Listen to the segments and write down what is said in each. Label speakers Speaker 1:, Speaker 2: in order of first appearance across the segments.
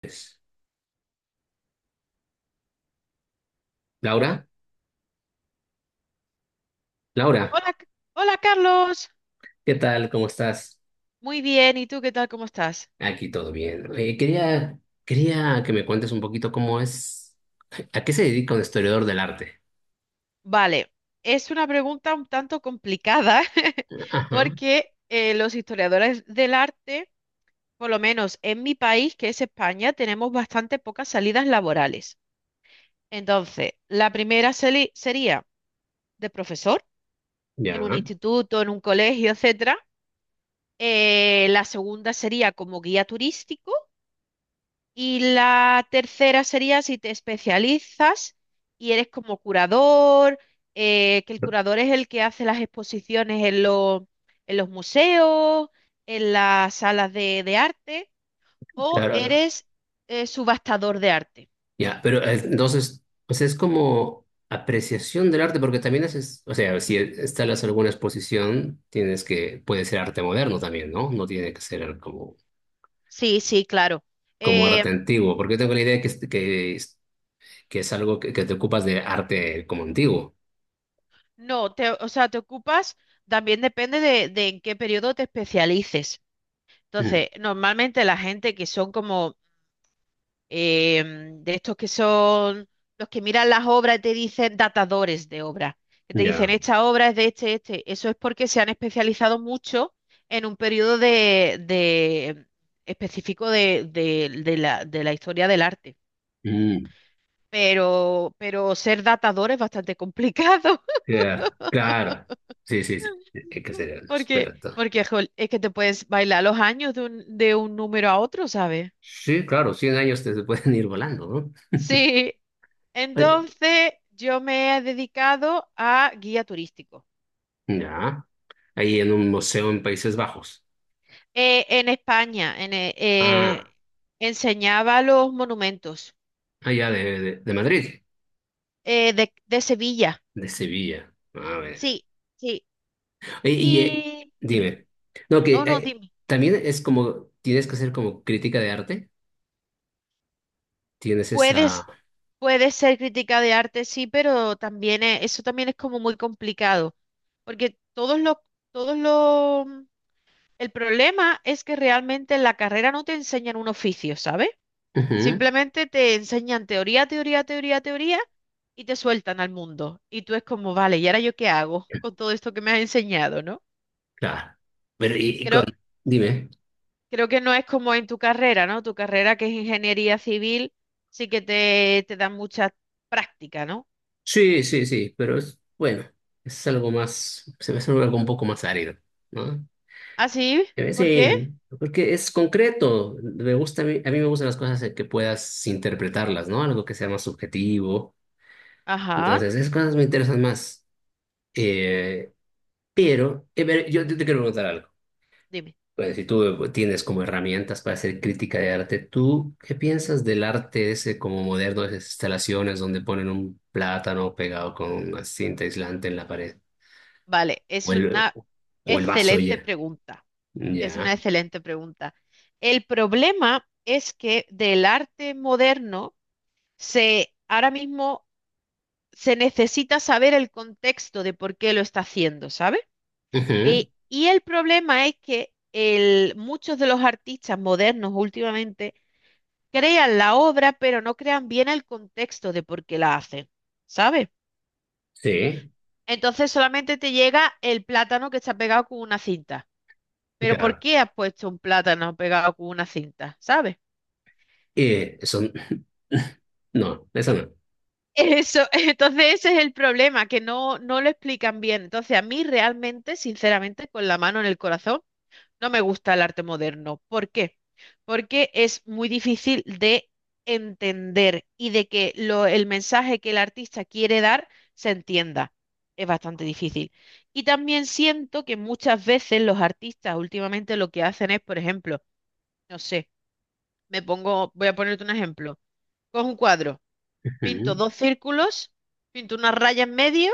Speaker 1: Pues, Laura, Laura,
Speaker 2: Hola, hola Carlos.
Speaker 1: ¿qué tal? ¿Cómo estás?
Speaker 2: Muy bien, ¿y tú qué tal? ¿Cómo estás?
Speaker 1: Aquí todo bien. Oye, quería que me cuentes un poquito cómo es, a qué se dedica un historiador del arte.
Speaker 2: Vale, es una pregunta un tanto complicada.
Speaker 1: Ajá,
Speaker 2: Porque los historiadores del arte, por lo menos en mi país, que es España, tenemos bastante pocas salidas laborales. Entonces, la primera sería de profesor
Speaker 1: ya,
Speaker 2: en un instituto, en un colegio, etcétera. La segunda sería como guía turístico. Y la tercera sería si te especializas y eres como curador, que el curador es el que hace las exposiciones en los museos, en las salas de arte, o
Speaker 1: claro.
Speaker 2: eres subastador de arte.
Speaker 1: Ya, pero entonces, pues es como apreciación del arte, porque también haces, o sea, si instalas alguna exposición, tienes que, puede ser arte moderno también, ¿no? No tiene que ser como,
Speaker 2: Sí, sí, claro.
Speaker 1: como arte
Speaker 2: Em,
Speaker 1: antiguo, porque tengo la idea que, es algo que te ocupas de arte como antiguo.
Speaker 2: no, o sea, te ocupas, también depende de en qué periodo te especialices.
Speaker 1: Mm.
Speaker 2: Entonces, normalmente la gente que son como de estos que son los que miran las obras y te dicen datadores de obras, que te
Speaker 1: Ya.
Speaker 2: dicen esta obra es de este, este. Eso es porque se han especializado mucho en un periodo específico de de la historia del arte.
Speaker 1: Mm,
Speaker 2: Pero ser datador es bastante complicado.
Speaker 1: claro, claro. Sí, sí, sí. Hay que ser el
Speaker 2: Porque,
Speaker 1: experto.
Speaker 2: porque jol, es que te puedes bailar los años de un número a otro, ¿sabes?
Speaker 1: Sí, claro, 100 años te se pueden ir volando, ¿no?
Speaker 2: Sí,
Speaker 1: Ay,
Speaker 2: entonces yo me he dedicado a guía turístico.
Speaker 1: ya. Ahí en un museo en Países Bajos.
Speaker 2: En España,
Speaker 1: Ah,
Speaker 2: enseñaba los monumentos
Speaker 1: allá de Madrid,
Speaker 2: de Sevilla.
Speaker 1: de Sevilla. A ver.
Speaker 2: Sí, sí.
Speaker 1: Y, y, eh,
Speaker 2: Y dime,
Speaker 1: dime. No, que
Speaker 2: no, no, dime.
Speaker 1: también es como, tienes que hacer como crítica de arte. Tienes esa.
Speaker 2: Puedes, puedes ser crítica de arte, sí, pero también eso también es como muy complicado, porque todos los, el problema es que realmente en la carrera no te enseñan un oficio, ¿sabes?
Speaker 1: Ujú,
Speaker 2: Simplemente te enseñan teoría, teoría, teoría, teoría y te sueltan al mundo. Y tú es como, vale, ¿y ahora yo qué hago con todo esto que me has enseñado, ¿no?
Speaker 1: claro. Pero y con.
Speaker 2: Creo,
Speaker 1: Dime.
Speaker 2: creo que no es como en tu carrera, ¿no? Tu carrera que es ingeniería civil, sí que te dan mucha práctica, ¿no?
Speaker 1: Sí, sí, sí, pero es bueno, es algo más, se me hace algo un poco más árido, ¿no?
Speaker 2: ¿Ah, sí? ¿Por qué?
Speaker 1: Sí, porque es concreto, me gusta, a mí me gustan las cosas en que puedas interpretarlas, ¿no? Algo que sea más subjetivo,
Speaker 2: Ajá,
Speaker 1: entonces esas cosas me interesan más. Eh, pero yo te quiero preguntar algo.
Speaker 2: dime.
Speaker 1: Bueno, si tú tienes como herramientas para hacer crítica de arte, ¿tú qué piensas del arte ese como moderno, esas instalaciones donde ponen un plátano pegado con una cinta aislante en la pared?
Speaker 2: Vale,
Speaker 1: O
Speaker 2: es
Speaker 1: el,
Speaker 2: una
Speaker 1: o el vaso
Speaker 2: excelente
Speaker 1: ya.
Speaker 2: pregunta. Es una
Speaker 1: Ya.
Speaker 2: excelente pregunta. El problema es que del arte moderno se ahora mismo se necesita saber el contexto de por qué lo está haciendo, ¿sabes?
Speaker 1: Ujú.
Speaker 2: Y el problema es que muchos de los artistas modernos últimamente crean la obra, pero no crean bien el contexto de por qué la hacen, ¿sabes?
Speaker 1: Sí,
Speaker 2: Entonces solamente te llega el plátano que está pegado con una cinta. Pero ¿por
Speaker 1: claro.
Speaker 2: qué has puesto un plátano pegado con una cinta? ¿Sabes?
Speaker 1: Son. No, esa no.
Speaker 2: Eso, entonces ese es el problema, que no, no lo explican bien. Entonces a mí realmente, sinceramente, con la mano en el corazón, no me gusta el arte moderno. ¿Por qué? Porque es muy difícil de entender y de que el mensaje que el artista quiere dar se entienda. Es bastante difícil. Y también siento que muchas veces los artistas últimamente lo que hacen es, por ejemplo, no sé, me pongo, voy a ponerte un ejemplo. Cojo un cuadro, pinto
Speaker 1: Ujú.
Speaker 2: dos círculos, pinto una raya en medio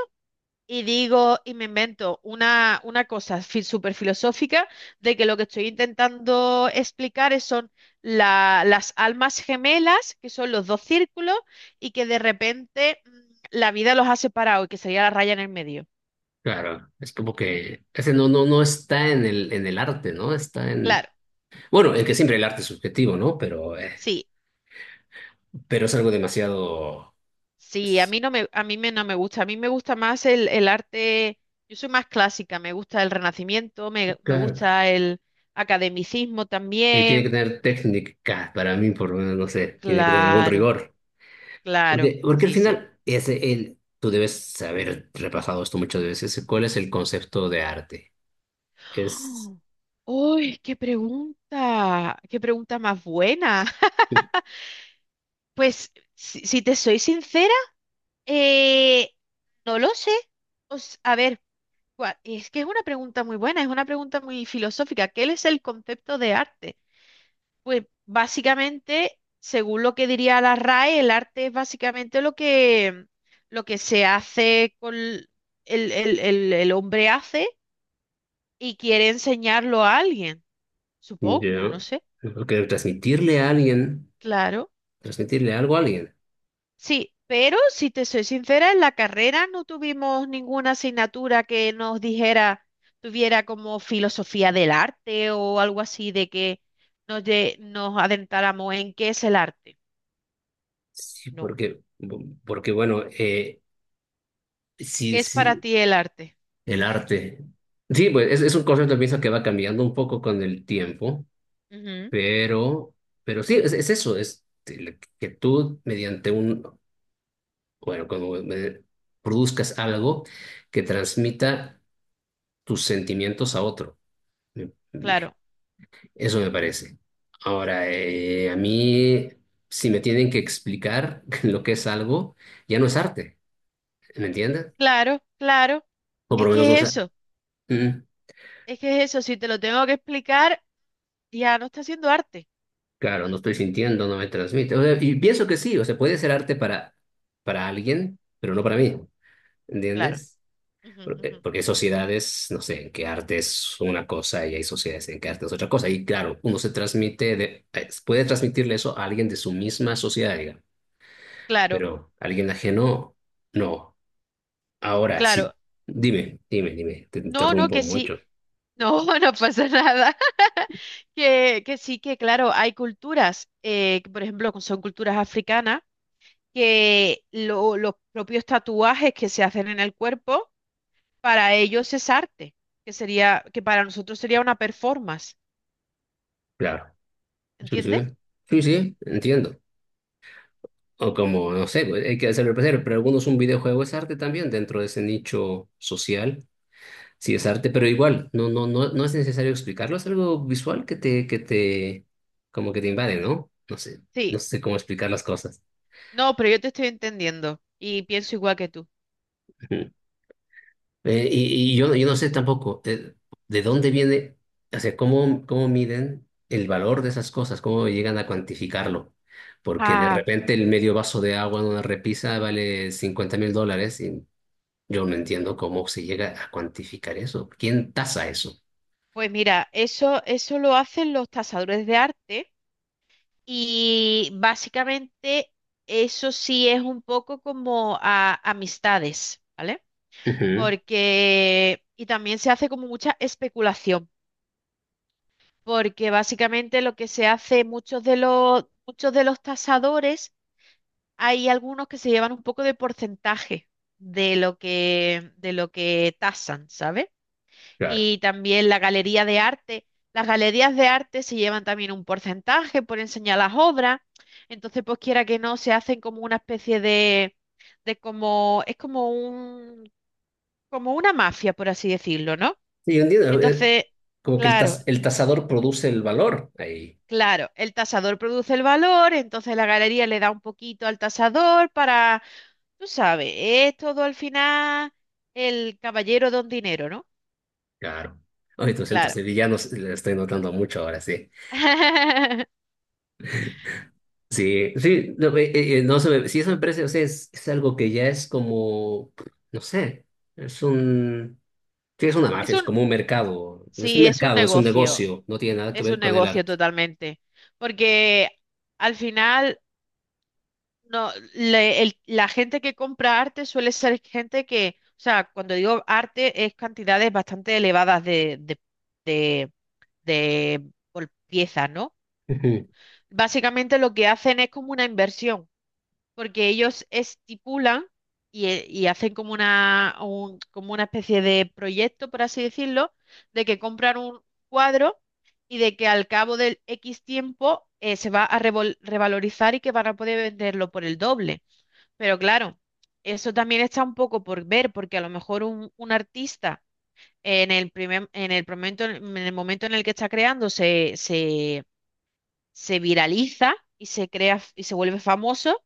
Speaker 2: y digo, y me invento una cosa súper filosófica de que lo que estoy intentando explicar es, son las almas gemelas, que son los dos círculos, y que de repente la vida los ha separado y que sería la raya en el medio.
Speaker 1: Claro, es como que ese no, no, no está en el arte, ¿no? Está en.
Speaker 2: Claro,
Speaker 1: Bueno, en que siempre el arte es subjetivo, ¿no? Pero, eh,
Speaker 2: sí,
Speaker 1: pero es algo demasiado.
Speaker 2: sí, a mí no me, a mí me, no me gusta, a mí me gusta más el arte, yo soy más clásica, me gusta el Renacimiento, me
Speaker 1: Claro.
Speaker 2: gusta el academicismo
Speaker 1: Y tiene que
Speaker 2: también.
Speaker 1: tener técnica, para mí por lo menos, no sé, tiene que tener algún
Speaker 2: Claro,
Speaker 1: rigor.
Speaker 2: claro,
Speaker 1: Porque al
Speaker 2: sí, sí.
Speaker 1: final, tú debes haber repasado esto muchas veces, cuál es el concepto de arte. es,
Speaker 2: ¡Ah! Uy, qué pregunta más buena. Pues, si te soy sincera, eh, no lo sé. Os a ver, es que es una pregunta muy buena, es una pregunta muy filosófica. ¿Qué es el concepto de arte? Pues, básicamente, según lo que diría la RAE, el arte es básicamente lo que se hace con el hombre hace y quiere enseñarlo a alguien, supongo,
Speaker 1: ya,
Speaker 2: no sé,
Speaker 1: porque transmitirle a alguien,
Speaker 2: claro.
Speaker 1: transmitirle algo a alguien.
Speaker 2: Sí, pero si te soy sincera, en la carrera no tuvimos ninguna asignatura que nos dijera, tuviera como filosofía del arte o algo así de que nos adentráramos en qué es el arte.
Speaker 1: Sí,
Speaker 2: No,
Speaker 1: porque bueno, sí,
Speaker 2: ¿qué es para
Speaker 1: sí,
Speaker 2: ti el arte?
Speaker 1: el arte. Sí, pues es un concepto, pienso, que va cambiando un poco con el tiempo,
Speaker 2: Ujú,
Speaker 1: pero, pero sí, es eso, es el que tú mediante un, bueno, produzcas algo que transmita tus sentimientos a otro.
Speaker 2: claro,
Speaker 1: Eso me parece.
Speaker 2: mm,
Speaker 1: Ahora, a mí, si me tienen que explicar lo que es algo, ya no es arte, ¿me entiendes?
Speaker 2: claro, claro.
Speaker 1: O por
Speaker 2: Es
Speaker 1: lo menos no
Speaker 2: que es
Speaker 1: sé.
Speaker 2: eso,
Speaker 1: Mm.
Speaker 2: es que es eso. Si te lo tengo que explicar, ya no está haciendo arte.
Speaker 1: Claro, no estoy sintiendo, no me transmite. O sea, y pienso que sí, o sea, puede ser arte para, alguien, pero no para mí,
Speaker 2: Claro,
Speaker 1: ¿entiendes?
Speaker 2: ujú,
Speaker 1: Porque,
Speaker 2: ujú,
Speaker 1: porque hay sociedades, no sé, en que arte es una cosa y hay sociedades en que arte es otra cosa. Y claro, uno se transmite, puede transmitirle eso a alguien de su misma sociedad, digamos,
Speaker 2: claro,
Speaker 1: pero a alguien ajeno, no. Ahora, sí,
Speaker 2: claro.
Speaker 1: dime, dime, dime, te
Speaker 2: No, no,
Speaker 1: interrumpo
Speaker 2: que sí.
Speaker 1: mucho.
Speaker 2: No, no pasa nada. Que sí, que claro, hay culturas, que por ejemplo, son culturas africanas, que los propios tatuajes que se hacen en el cuerpo, para ellos es arte, que sería, que para nosotros sería una performance,
Speaker 1: Claro, sí,
Speaker 2: ¿entiendes?
Speaker 1: sí, sí,
Speaker 2: Mm,
Speaker 1: sí, entiendo. O como, no sé, pues, hay que hacerlo placer, pero algunos un videojuego es arte también dentro de ese nicho social. Sí, es arte, pero igual, no es necesario explicarlo, es algo visual que te, como que te invade, ¿no? No sé, no
Speaker 2: sí,
Speaker 1: sé cómo explicar las cosas.
Speaker 2: no, pero yo te estoy entendiendo y pienso igual que tú.
Speaker 1: Yo no sé tampoco de dónde viene, o sea, cómo miden el valor de esas cosas, cómo llegan a cuantificarlo. Porque de
Speaker 2: Ah,
Speaker 1: repente el medio vaso de agua en una repisa vale 50.000 dólares y yo no entiendo cómo se llega a cuantificar eso. ¿Quién tasa eso?
Speaker 2: pues mira, eso lo hacen los tasadores de arte. Y básicamente eso sí es un poco como amistades, ¿vale?
Speaker 1: Ujú,
Speaker 2: Porque, y también se hace como mucha especulación, porque básicamente lo que se hace, muchos de los tasadores, hay algunos que se llevan un poco de porcentaje de lo que tasan, ¿sabes?
Speaker 1: claro.
Speaker 2: Y también la galería de arte. Las galerías de arte se llevan también un porcentaje por enseñar las obras, entonces pues quiera que no, se hacen como una especie es como como una mafia, por así decirlo, ¿no?
Speaker 1: Sí, yo entiendo.
Speaker 2: Entonces,
Speaker 1: Como que el,
Speaker 2: claro,
Speaker 1: tas- el tasador produce el valor ahí.
Speaker 2: claro, el tasador produce el valor, entonces la galería le da un poquito al tasador para, tú sabes, es todo al final el caballero don dinero, ¿no?
Speaker 1: Claro. Oye, tus centros
Speaker 2: Claro.
Speaker 1: sevillanos le estoy notando mucho ahora, sí. Sí, sí, no, no se me, sí, eso me parece, o sea, es algo que ya es como, no sé, es un, sí, es una
Speaker 2: Es
Speaker 1: mafia, es
Speaker 2: un,
Speaker 1: como un mercado, es un
Speaker 2: sí, es un
Speaker 1: mercado, es un
Speaker 2: negocio.
Speaker 1: negocio, no tiene nada que
Speaker 2: Es
Speaker 1: ver
Speaker 2: un
Speaker 1: con el
Speaker 2: negocio
Speaker 1: arte.
Speaker 2: totalmente, porque al final no, la gente que compra arte suele ser gente que, o sea, cuando digo arte es cantidades bastante elevadas de, de por piezas, ¿no?
Speaker 1: Ujú.
Speaker 2: Básicamente lo que hacen es como una inversión porque ellos estipulan y hacen como como una especie de proyecto, por así decirlo, de que compran un cuadro y de que al cabo del X tiempo se va a revalorizar y que van a poder venderlo por el doble. Pero claro, eso también está un poco por ver, porque a lo mejor un artista en el primer, en el momento, en el momento en el que está creando se viraliza y se crea y se vuelve famoso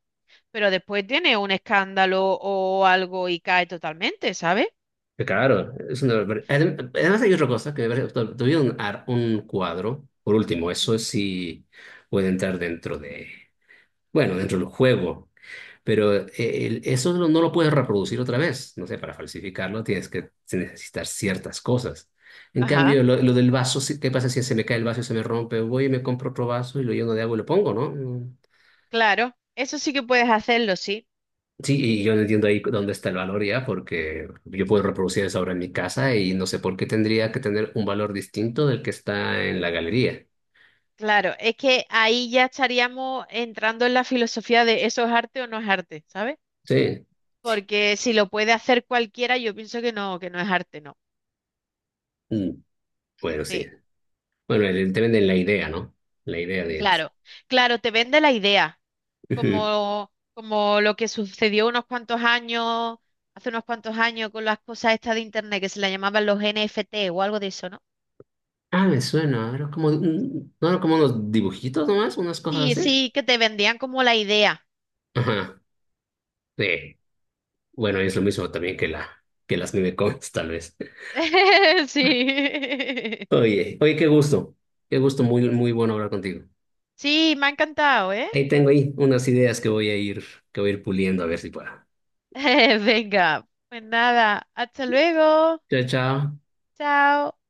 Speaker 2: pero después tiene un escándalo o algo y cae totalmente, ¿sabes?
Speaker 1: Claro, es una, barbar- adem- además hay otra cosa que me parece, tuvieron un cuadro, por último,
Speaker 2: Ujú.
Speaker 1: eso sí puede entrar dentro de, bueno, dentro del juego. Pero eso no lo puedes reproducir otra vez. No sé, para falsificarlo tienes que necesitar ciertas cosas. En
Speaker 2: Ajá,
Speaker 1: cambio, lo del vaso, sí, ¿qué pasa si se me cae el vaso y se me rompe? Voy y me compro otro vaso y lo lleno de agua y lo pongo, ¿no? Mm.
Speaker 2: claro, eso sí que puedes hacerlo, sí.
Speaker 1: Sí, y yo no entiendo ahí dónde está el valor ya, porque yo puedo reproducir esa obra en mi casa y no sé por qué tendría que tener un valor distinto del que está en la galería.
Speaker 2: Claro, es que ahí ya estaríamos entrando en la filosofía de eso es arte o no es arte, ¿sabes?
Speaker 1: Sí.
Speaker 2: Porque si lo puede hacer cualquiera, yo pienso que no es arte, no.
Speaker 1: Mm. Bueno, sí.
Speaker 2: Sí,
Speaker 1: Bueno, te venden la idea, ¿no? La idea de.
Speaker 2: claro, claro, te vende la idea, como, como lo que sucedió unos cuantos años, hace unos cuantos años con las cosas estas de internet que se le llamaban los NFT o algo de eso, ¿no?
Speaker 1: Ah, me suena. Era como, ¿no era como unos dibujitos nomás? Unas cosas
Speaker 2: Sí,
Speaker 1: así.
Speaker 2: sí, que te vendían como la idea.
Speaker 1: Ajá. Sí. Bueno, es lo mismo también que las memecomics, tal vez.
Speaker 2: Sí.
Speaker 1: Oye, oye, qué gusto. Qué gusto, muy, muy bueno hablar contigo.
Speaker 2: Sí, me ha encantado, ¿eh?
Speaker 1: Ahí tengo ahí unas ideas que voy a ir, puliendo a ver si puedo.
Speaker 2: Venga. Pues nada, hasta luego.
Speaker 1: Chao, chao.
Speaker 2: Chao.